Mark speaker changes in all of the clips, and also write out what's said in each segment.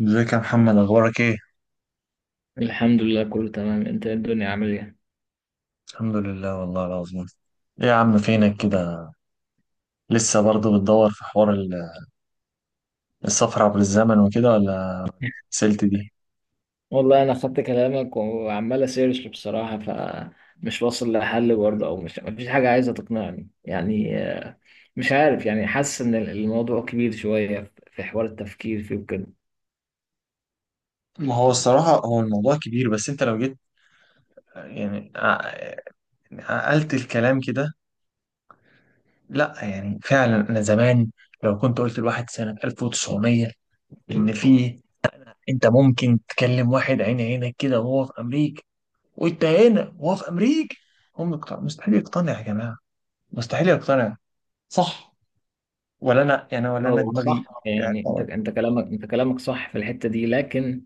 Speaker 1: ازيك يا محمد؟ اخبارك ايه؟
Speaker 2: الحمد لله كله تمام. انت ايه الدنيا عامل ايه؟
Speaker 1: الحمد لله والله العظيم. ايه يا عم، فينك كده؟ لسه برضه بتدور في حوار السفر عبر الزمن وكده، ولا سلت دي؟
Speaker 2: والله انا خدت كلامك وعمال اسيرش بصراحه، فمش واصل لحل برضه، او مش، مفيش حاجه عايزه تقنعني مش عارف، حاسس ان الموضوع كبير شويه في حوار التفكير فيه وكده.
Speaker 1: ما هو الصراحة هو الموضوع كبير، بس انت لو جيت يعني ع- عقلت الكلام كده. لا يعني فعلا، انا زمان لو كنت قلت لواحد سنة 1900 ان في، انت ممكن تكلم واحد عين عينك كده وهو في امريكا، وانت هنا وهو في امريكا، مستحيل يقتنع يا جماعة. مستحيل يقتنع، صح؟ ولا انا يعني، ولا انا
Speaker 2: هو
Speaker 1: دماغي.
Speaker 2: صح،
Speaker 1: يعني
Speaker 2: انت
Speaker 1: طبعا.
Speaker 2: انت كلامك، انت كلامك صح في الحته دي، لكن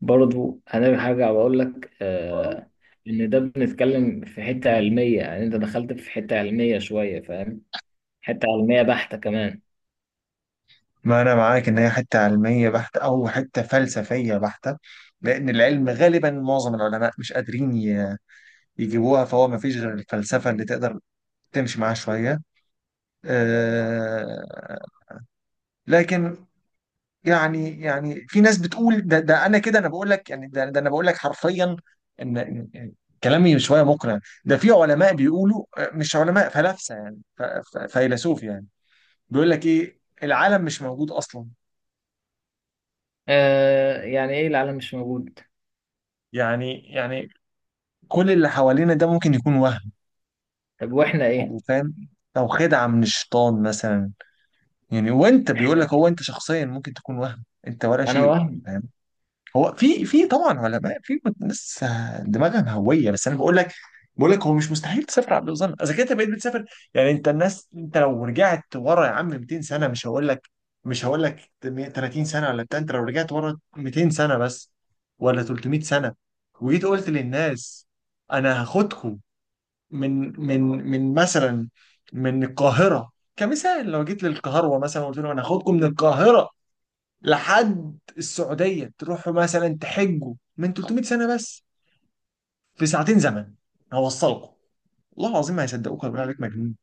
Speaker 2: برضه انا هرجع واقول لك ان ده بنتكلم في حته علميه، انت دخلت في حته علميه شويه، فاهم؟ حته علميه بحته كمان.
Speaker 1: ما انا معاك ان هي حته علميه بحته او حته فلسفيه بحته، لان العلم غالبا معظم العلماء مش قادرين يجيبوها، فهو ما فيش غير الفلسفه اللي تقدر تمشي معاها شويه. أه، لكن، يعني في ناس بتقول ده، انا كده، انا بقول لك يعني، ده، انا بقول لك حرفيا ان كلامي شويه مقنع. ده في علماء بيقولوا، مش علماء، فلاسفه يعني، فيلسوف يعني، بيقول لك ايه؟ العالم مش موجود اصلا.
Speaker 2: آه، ايه العالم مش موجود؟
Speaker 1: يعني كل اللي حوالينا ده ممكن يكون وهم،
Speaker 2: طب واحنا ايه؟
Speaker 1: او فاهم، او خدعه من الشيطان مثلا. يعني وانت بيقول
Speaker 2: احنا
Speaker 1: لك، هو انت شخصيا ممكن تكون وهم انت ولا
Speaker 2: انا
Speaker 1: شيء،
Speaker 2: وهم.
Speaker 1: فاهم؟ هو في، طبعا علماء، في ناس دماغها مهويه، بس انا بقول لك، هو مش مستحيل تسافر عبد الوزن اذا كنت بقيت بتسافر يعني. انت الناس، انت لو رجعت ورا يا عم 200 سنه، مش هقول لك 30 سنه ولا بتاع، انت لو رجعت ورا 200 سنه بس، ولا 300 سنه، وجيت قلت للناس انا هاخدكم من مثلا، من القاهره كمثال. لو جيت للقاهره مثلا وقلت لهم انا هاخدكم من القاهره لحد السعودية تروحوا مثلا تحجوا، من 300 سنة بس في ساعتين زمن هوصلكم، والله العظيم ما هيصدقوك، هيقولوا عليك مجنون.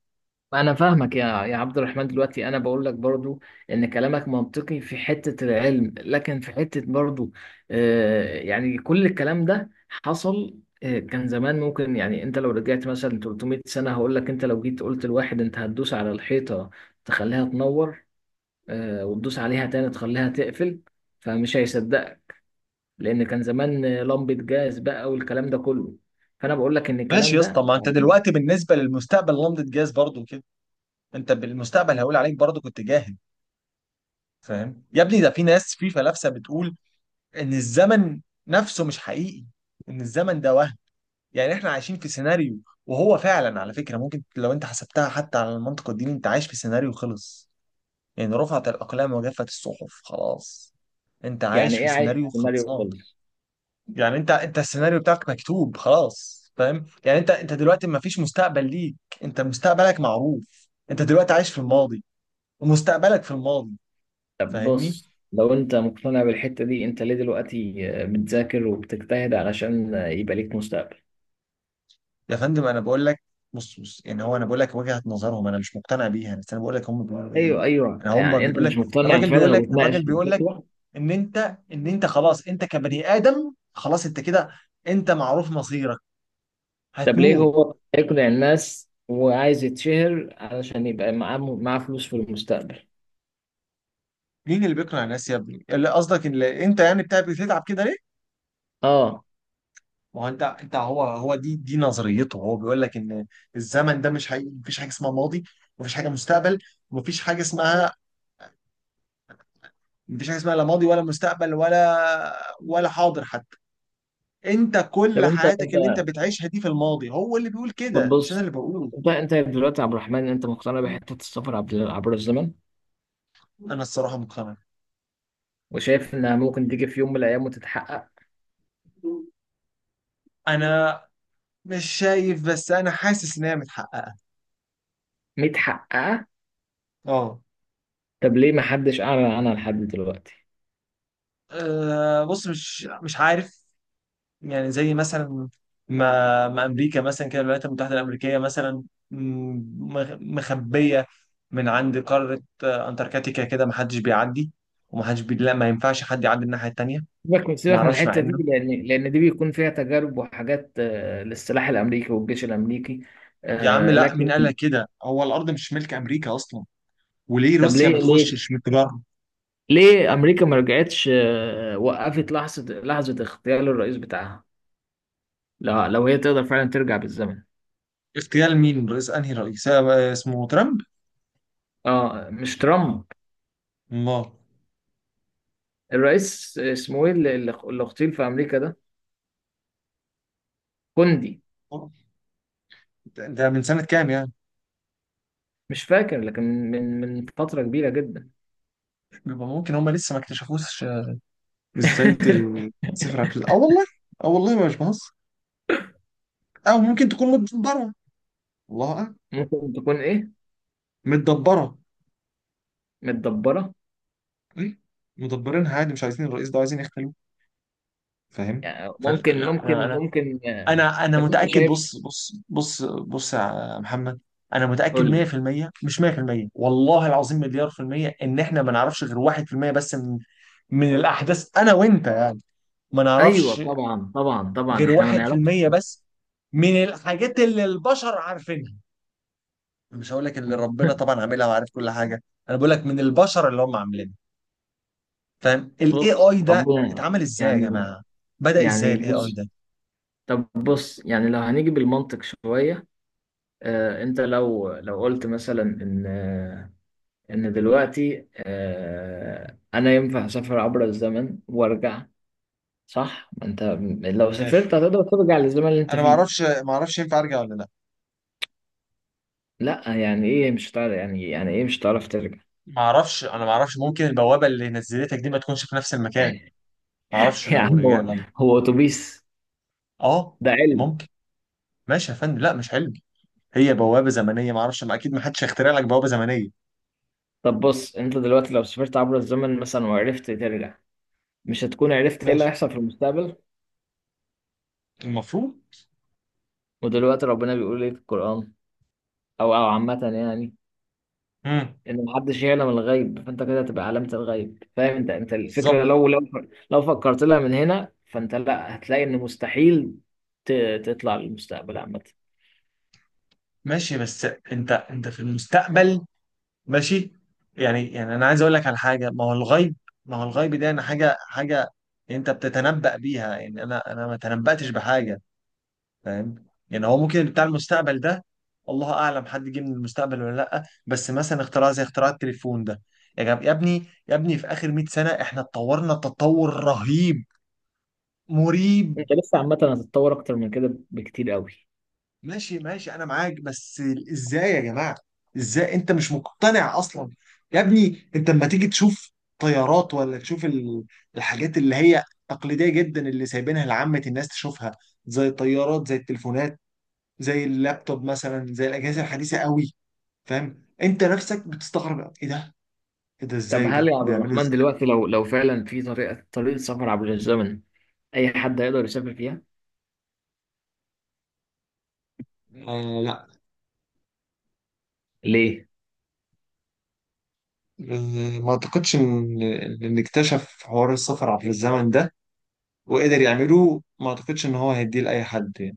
Speaker 2: انا فاهمك يا عبد الرحمن. دلوقتي انا بقول لك برضو ان كلامك منطقي في حتة العلم، لكن في حتة برضو آه، كل الكلام ده حصل. آه، كان زمان ممكن، انت لو رجعت مثلا 300 سنة، هقول لك انت لو جيت قلت لواحد انت هتدوس على الحيطة تخليها تنور، آه، وتدوس عليها تاني تخليها تقفل، فمش هيصدقك، لان كان زمان لمبه جاز بقى والكلام ده كله. فانا بقول لك ان
Speaker 1: ماشي
Speaker 2: الكلام
Speaker 1: يا اسطى.
Speaker 2: ده
Speaker 1: ما انت دلوقتي بالنسبة للمستقبل لمضة جاز برضو كده، انت بالمستقبل هيقول عليك برضو كنت جاهل. فاهم يا ابني؟ ده في ناس، في فلاسفة، بتقول ان الزمن نفسه مش حقيقي، ان الزمن ده وهم. يعني احنا عايشين في سيناريو، وهو فعلا على فكرة ممكن لو انت حسبتها حتى على المنطق الديني، انت عايش في سيناريو خلص. إن رفعت الأقلام وجفت الصحف خلاص، أنت عايش في
Speaker 2: ايه عايش في
Speaker 1: سيناريو
Speaker 2: سيناريو
Speaker 1: خلصان.
Speaker 2: خالص؟
Speaker 1: يعني أنت السيناريو بتاعك مكتوب خلاص، فاهم يعني؟ أنت دلوقتي ما فيش مستقبل ليك، أنت مستقبلك معروف، أنت دلوقتي عايش في الماضي، ومستقبلك في الماضي.
Speaker 2: طب
Speaker 1: فاهمني
Speaker 2: بص، لو انت مقتنع بالحته دي، انت ليه دلوقتي بتذاكر وبتجتهد علشان يبقى ليك مستقبل؟
Speaker 1: يا فندم؟ أنا بقول لك، بص بص، يعني هو أنا بقول لك وجهة نظرهم، أنا مش مقتنع بيها، بس أنا بقول لك هم بيقولوا إيه.
Speaker 2: ايوه ايوه،
Speaker 1: أنا هم
Speaker 2: انت
Speaker 1: بيقول
Speaker 2: مش
Speaker 1: لك،
Speaker 2: مقتنع
Speaker 1: الراجل بيقول
Speaker 2: فعلا
Speaker 1: لك
Speaker 2: وبتناقش
Speaker 1: الراجل
Speaker 2: في
Speaker 1: بيقول لك
Speaker 2: الفكره.
Speaker 1: إن أنت خلاص، أنت كبني آدم خلاص، أنت كده، أنت معروف مصيرك،
Speaker 2: طب ليه
Speaker 1: هتموت.
Speaker 2: هو يقنع الناس وعايز يتشهر علشان يبقى معاه فلوس في المستقبل؟
Speaker 1: مين اللي بيقنع الناس يا ابني؟ اللي قصدك ان انت يعني بتاع بتتعب كده ليه؟
Speaker 2: اه.
Speaker 1: ما هو انت هو دي نظريته. هو بيقول لك ان الزمن ده مش حقيقي، مفيش حاجه اسمها ماضي، مفيش حاجه مستقبل، مفيش حاجه اسمها مفيش حاجه اسمها لا ماضي ولا مستقبل ولا حاضر حتى. انت
Speaker 2: طب
Speaker 1: كل
Speaker 2: انت
Speaker 1: حياتك
Speaker 2: انت
Speaker 1: اللي انت بتعيشها دي في الماضي، هو اللي بيقول
Speaker 2: طب
Speaker 1: كده مش انا
Speaker 2: بص،
Speaker 1: اللي بقوله.
Speaker 2: انت انت دلوقتي يا عبد الرحمن، انت مقتنع بحته السفر عبر الزمن،
Speaker 1: انا الصراحه مقتنع.
Speaker 2: وشايف انها ممكن تيجي في يوم من الايام وتتحقق؟
Speaker 1: انا مش شايف، بس انا حاسس ان هي متحققه.
Speaker 2: متحققه؟
Speaker 1: اه.
Speaker 2: طب ليه ما حدش اعلن عنها لحد دلوقتي؟
Speaker 1: بص مش عارف، يعني زي مثلا ما امريكا مثلا كده، الولايات المتحده الامريكيه مثلا، م- مخبيه من عند قاره، انتاركتيكا كده، ما حدش بيعدي، لا ما ينفعش حد يعدي الناحيه التانيه.
Speaker 2: سيبك
Speaker 1: ما
Speaker 2: من
Speaker 1: اعرفش مع
Speaker 2: الحته
Speaker 1: انه.
Speaker 2: دي، لان دي بيكون فيها تجارب وحاجات للسلاح الامريكي والجيش الامريكي.
Speaker 1: يا عم لا،
Speaker 2: لكن
Speaker 1: مين قال لك كده؟ هو الارض مش ملك امريكا اصلا، وليه
Speaker 2: طب
Speaker 1: روسيا ما
Speaker 2: ليه
Speaker 1: تخشش متجرد؟
Speaker 2: ليه امريكا ما رجعتش وقفت لحظه اغتيال الرئيس بتاعها؟ لو هي تقدر فعلا ترجع بالزمن.
Speaker 1: اغتيال مين؟ رئيس؟ انهي رئيس؟ اسمه ترامب؟
Speaker 2: اه مش ترامب.
Speaker 1: الله.
Speaker 2: الرئيس اسمه ايه اللي اغتيل في امريكا ده؟ كوندي.
Speaker 1: ده من سنه كام يعني؟
Speaker 2: مش فاكر، لكن من فتره كبيره جدا.
Speaker 1: بيبقى ممكن هم لسه ما اكتشفوش، ازاي تسافر اه والله، اه والله ما مش بهزر. او ممكن تكون متدبره. الله اعلم.
Speaker 2: ممكن تكون ايه؟
Speaker 1: متدبره.
Speaker 2: متدبره؟
Speaker 1: إيه؟ مدبرينها عادي، مش عايزين الرئيس ده، عايزين يختلوه، فاهم؟
Speaker 2: يعني
Speaker 1: فلا
Speaker 2: ممكن
Speaker 1: لا، انا
Speaker 2: ممكن
Speaker 1: انا
Speaker 2: ممكن
Speaker 1: انا انا
Speaker 2: طب انت
Speaker 1: متاكد،
Speaker 2: شايف؟
Speaker 1: بص بص بص بص يا محمد، انا متاكد
Speaker 2: قول لي.
Speaker 1: 100%. مش 100%، والله العظيم مليار في المية ان احنا ما نعرفش غير 1% بس من الاحداث، انا وانت يعني، ما
Speaker 2: ايوه
Speaker 1: نعرفش
Speaker 2: طبعا طبعا طبعا،
Speaker 1: غير
Speaker 2: احنا ما نعرفش.
Speaker 1: 1% بس من الحاجات اللي البشر عارفينها. مش هقول لك اللي ربنا طبعا عاملها وعارف كل حاجه، انا بقول لك من البشر اللي هم عاملينها. فاهم الاي
Speaker 2: بص
Speaker 1: اي ده
Speaker 2: ربنا،
Speaker 1: اتعمل ازاي يا
Speaker 2: يعني
Speaker 1: جماعه؟ بدأ ازاي
Speaker 2: يعني
Speaker 1: الاي اي
Speaker 2: بص،
Speaker 1: ده؟
Speaker 2: طب بص، لو هنيجي بالمنطق شويه آه، انت لو قلت مثلا ان ان دلوقتي آه، انا ينفع اسافر عبر الزمن وارجع، صح؟ ما انت لو
Speaker 1: ماشي.
Speaker 2: سافرت هتقدر ترجع للزمن اللي انت
Speaker 1: انا ما
Speaker 2: فيه.
Speaker 1: اعرفش، ما اعرفش ينفع ارجع ولا لا.
Speaker 2: لا، ايه مش هتعرف؟ يعني ايه مش هتعرف ترجع؟
Speaker 1: ما اعرفش انا ما اعرفش، ممكن البوابه اللي نزلتك دي ما تكونش في نفس المكان، ما اعرفش
Speaker 2: يا
Speaker 1: لو
Speaker 2: عم،
Speaker 1: رجع
Speaker 2: هو
Speaker 1: لنا.
Speaker 2: هو اتوبيس
Speaker 1: اه
Speaker 2: ده؟ علم.
Speaker 1: ممكن. ماشي يا فندم، لا مش حلم، هي بوابه زمنيه، ما اعرفش، ما اكيد ما حدش هيخترع لك بوابه زمنيه.
Speaker 2: طب بص، انت دلوقتي لو سافرت عبر الزمن مثلا وعرفت ترجع، مش هتكون عرفت ايه اللي
Speaker 1: ماشي
Speaker 2: هيحصل في المستقبل؟
Speaker 1: المفروض.
Speaker 2: ودلوقتي ربنا بيقول ايه في القرآن، او عامة يعني،
Speaker 1: امم.
Speaker 2: ان محدش يعلم الغيب. فانت كده تبقى علامة الغيب، فاهم؟ انت
Speaker 1: بالظبط.
Speaker 2: الفكرة لو لو فكرت لها من هنا، فانت لا، هتلاقي ان مستحيل تطلع للمستقبل عامة.
Speaker 1: ماشي بس انت في المستقبل، ماشي، يعني انا عايز اقول لك على حاجه. ما هو الغيب؟ ما هو الغيب ده؟ انا حاجه، حاجه انت بتتنبأ بيها، يعني انا ما تنبأتش بحاجه. فاهم يعني؟ هو ممكن بتاع المستقبل ده، الله اعلم، حد جه من المستقبل ولا لا؟ بس مثلا اختراع زي اختراع التليفون ده، يا جب يا ابني، يا ابني في اخر 100 سنه احنا اتطورنا تطور رهيب مريب.
Speaker 2: انت لسه عامة هتتطور اكتر من كده بكتير قوي.
Speaker 1: ماشي ماشي، انا معاك، بس ازاي يا جماعه؟ ازاي انت مش مقتنع اصلا؟ يا ابني انت لما تيجي تشوف طيارات، ولا تشوف الحاجات اللي هي تقليديه جدا اللي سايبينها لعامه الناس تشوفها، زي الطيارات، زي التليفونات، زي اللابتوب مثلا، زي الاجهزه الحديثه قوي. فاهم انت نفسك بتستغرب؟ ايه ده، ايه ده،
Speaker 2: طب
Speaker 1: ازاي
Speaker 2: هل
Speaker 1: ده
Speaker 2: يا عبد
Speaker 1: بيعملوا
Speaker 2: الرحمن
Speaker 1: ازاي؟
Speaker 2: دلوقتي لو فعلا في طريقة سفر عبر الزمن، أي حد هيقدر يسافر فيها؟
Speaker 1: آه لا.
Speaker 2: ليه؟
Speaker 1: ما اعتقدش ان اكتشف حوار السفر عبر الزمن ده وقدر يعمله، ما اعتقدش ان هو هيديه لاي حد.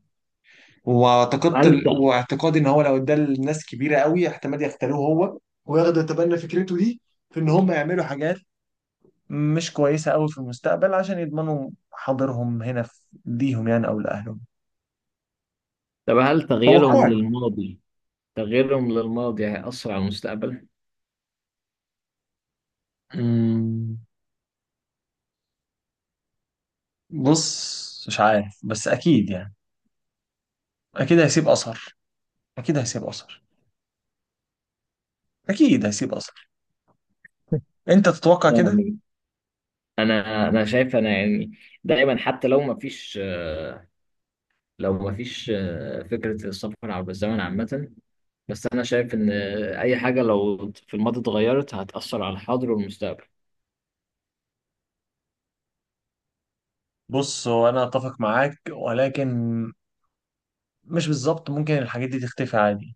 Speaker 2: هل ت-
Speaker 1: واعتقادي ان هو لو ادى لناس كبيره قوي احتمال يختاروه هو، وياخدوا يتبنى فكرته دي، في ان هم يعملوا حاجات مش كويسه قوي في المستقبل عشان يضمنوا حاضرهم هنا، في ليهم يعني او لاهلهم،
Speaker 2: طب هل تغييرهم
Speaker 1: توقعي.
Speaker 2: للماضي، تغييرهم للماضي هيأثر على المستقبل؟
Speaker 1: أمم، بص مش عارف، بس اكيد يعني، اكيد هيسيب اثر، اكيد هيسيب اثر، اكيد هيسيب اثر. انت تتوقع كده.
Speaker 2: يعني أنا شايف، أنا يعني، دايما حتى لو ما فيش لو ما فيش فكرة السفر عبر الزمن عامة، بس أنا شايف إن آه، أي حاجة لو في الماضي اتغيرت هتأثر على الحاضر والمستقبل.
Speaker 1: بص هو انا اتفق معاك ولكن مش بالظبط، ممكن الحاجات دي تختفي عادي،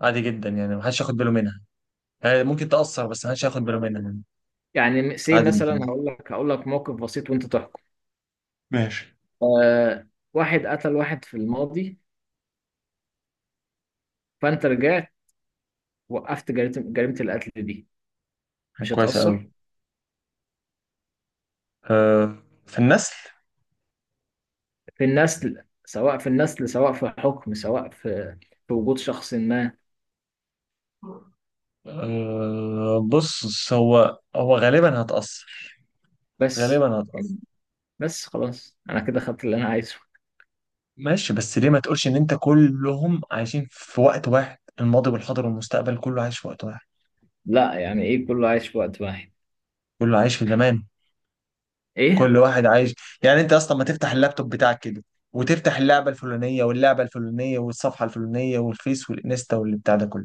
Speaker 1: عادي جدا، يعني محدش ياخد باله منها. ممكن تأثر، بس أنا مش هاخد باله منها يعني.
Speaker 2: يعني سي
Speaker 1: عادي
Speaker 2: مثلا،
Speaker 1: الاتنين.
Speaker 2: هقول لك، موقف بسيط وأنت تحكم.
Speaker 1: ماشي.
Speaker 2: آه، واحد قتل واحد في الماضي، فانت رجعت وقفت جريمة القتل دي. مش
Speaker 1: كويسة
Speaker 2: هتأثر
Speaker 1: أوي. آه، في النسل.
Speaker 2: في النسل، سواء في النسل، سواء في حكم، سواء في وجود شخص ما؟
Speaker 1: بص هو غالبا هتأثر،
Speaker 2: بس
Speaker 1: غالبا هتأثر.
Speaker 2: يعني، بس خلاص، انا كده خدت اللي انا عايزه.
Speaker 1: ماشي، بس ليه ما تقولش إن أنت كلهم عايشين في وقت واحد، الماضي والحاضر والمستقبل كله عايش في وقت واحد،
Speaker 2: لا، ايه كله عايش في وقت واحد؟
Speaker 1: كله عايش في زمان،
Speaker 2: ايه؟
Speaker 1: كل واحد عايش. يعني أنت أصلا ما تفتح اللابتوب بتاعك كده وتفتح اللعبة الفلانية واللعبة الفلانية والصفحة الفلانية والفيس والإنستا والبتاع ده كله،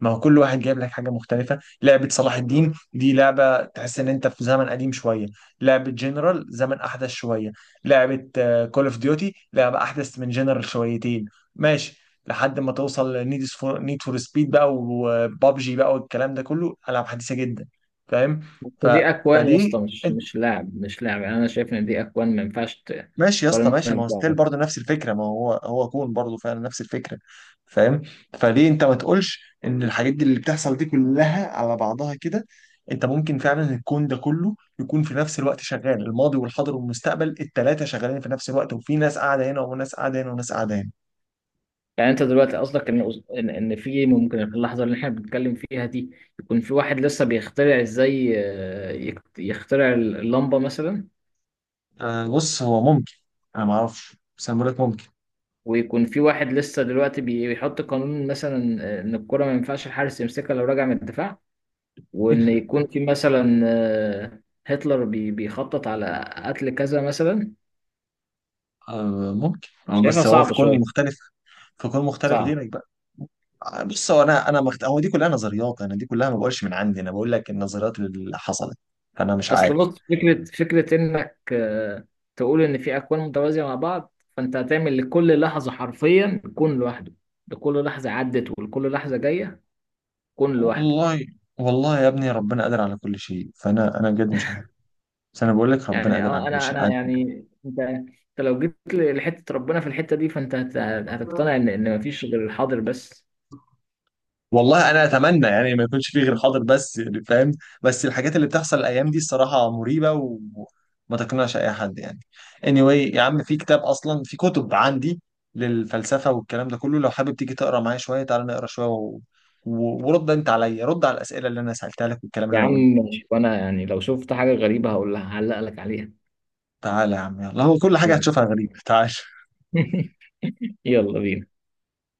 Speaker 1: ما هو كل واحد جايب لك حاجه مختلفه، لعبه صلاح الدين دي لعبه تحس ان انت في زمن قديم شويه، لعبه جنرال زمن احدث شويه، لعبه كول اوف ديوتي لعبه احدث من جنرال شويتين. ماشي، لحد ما توصل نيد فور سبيد بقى، وبابجي بقى، والكلام ده كله العاب حديثه جدا، فاهم؟
Speaker 2: بس
Speaker 1: ف...
Speaker 2: دي اكوان يا
Speaker 1: فليه؟
Speaker 2: اسطى، مش لاعب، مش لاعب، انا شايف ان دي اكوان ما ينفعش
Speaker 1: ماشي يا اسطى،
Speaker 2: تقارنها
Speaker 1: ماشي، ما هو ستيل
Speaker 2: ببعض.
Speaker 1: برضه نفس الفكره، ما هو كون برضه فعلا نفس الفكره، فاهم؟ فليه انت ما تقولش ان الحاجات دي اللي بتحصل دي كلها على بعضها كده؟ انت ممكن فعلا الكون ده كله يكون في نفس الوقت شغال الماضي والحاضر والمستقبل، الثلاثه شغالين في نفس الوقت، وفي ناس قاعده هنا، وناس قاعده هنا، وناس قاعده هنا.
Speaker 2: يعني انت دلوقتي قصدك ان ان في، ممكن في اللحظه اللي احنا بنتكلم فيها دي، يكون في واحد لسه بيخترع ازاي يخترع اللمبه مثلا،
Speaker 1: آه بص هو ممكن، انا ما اعرفش بس انا بقول لك ممكن.
Speaker 2: ويكون في واحد لسه دلوقتي بيحط قانون مثلا ان الكره ما ينفعش الحارس يمسكها لو راجع من الدفاع، وان يكون في مثلا هتلر بيخطط على قتل كذا مثلا.
Speaker 1: آه ممكن،
Speaker 2: شايفها
Speaker 1: بس هو في
Speaker 2: صعبه
Speaker 1: كون
Speaker 2: شويه.
Speaker 1: مختلف، في كون مختلف
Speaker 2: صعب.
Speaker 1: غيرك بقى. بص هو انا هو دي كلها نظريات، انا دي كلها ما بقولش من عندي، انا بقول لك النظريات اللي حصلت، فانا مش
Speaker 2: اصل
Speaker 1: عارف.
Speaker 2: بص، فكره انك تقول ان في اكوان متوازيه مع بعض، فانت هتعمل لكل لحظه حرفيا كون لوحده. لكل لحظه عدت ولكل لحظه جايه كون لوحده.
Speaker 1: والله، والله يا ابني ربنا قادر على كل شيء، فانا بجد مش عارف، بس انا بقول لك ربنا
Speaker 2: يعني
Speaker 1: قادر على
Speaker 2: اه،
Speaker 1: كل
Speaker 2: انا
Speaker 1: شيء.
Speaker 2: انا يعني، انت لو جيت لحته ربنا في الحته دي، فانت
Speaker 1: عادي.
Speaker 2: هتقتنع ان مفيش غير الحاضر بس.
Speaker 1: والله انا اتمنى يعني ما يكونش فيه غير حاضر بس، يعني فاهم؟ بس الحاجات اللي بتحصل الايام دي الصراحه مريبه وما تقنعش اي حد يعني. Anyway يا عم، في كتاب، اصلا في كتب عندي للفلسفه والكلام ده كله، لو حابب تيجي تقرا معايا شويه، تعالى نقرا شويه، ورد انت عليا، رد على الاسئله اللي انا سالتها لك والكلام
Speaker 2: يا
Speaker 1: اللي انا
Speaker 2: عم
Speaker 1: قلته.
Speaker 2: ماشي، وانا يعني لو شفت حاجه غريبه هقول لها، هعلق لك عليها.
Speaker 1: تعالى يا عم، يلا، هو كل حاجه
Speaker 2: يلا.
Speaker 1: هتشوفها غريبه، تعالى.
Speaker 2: يلا بينا.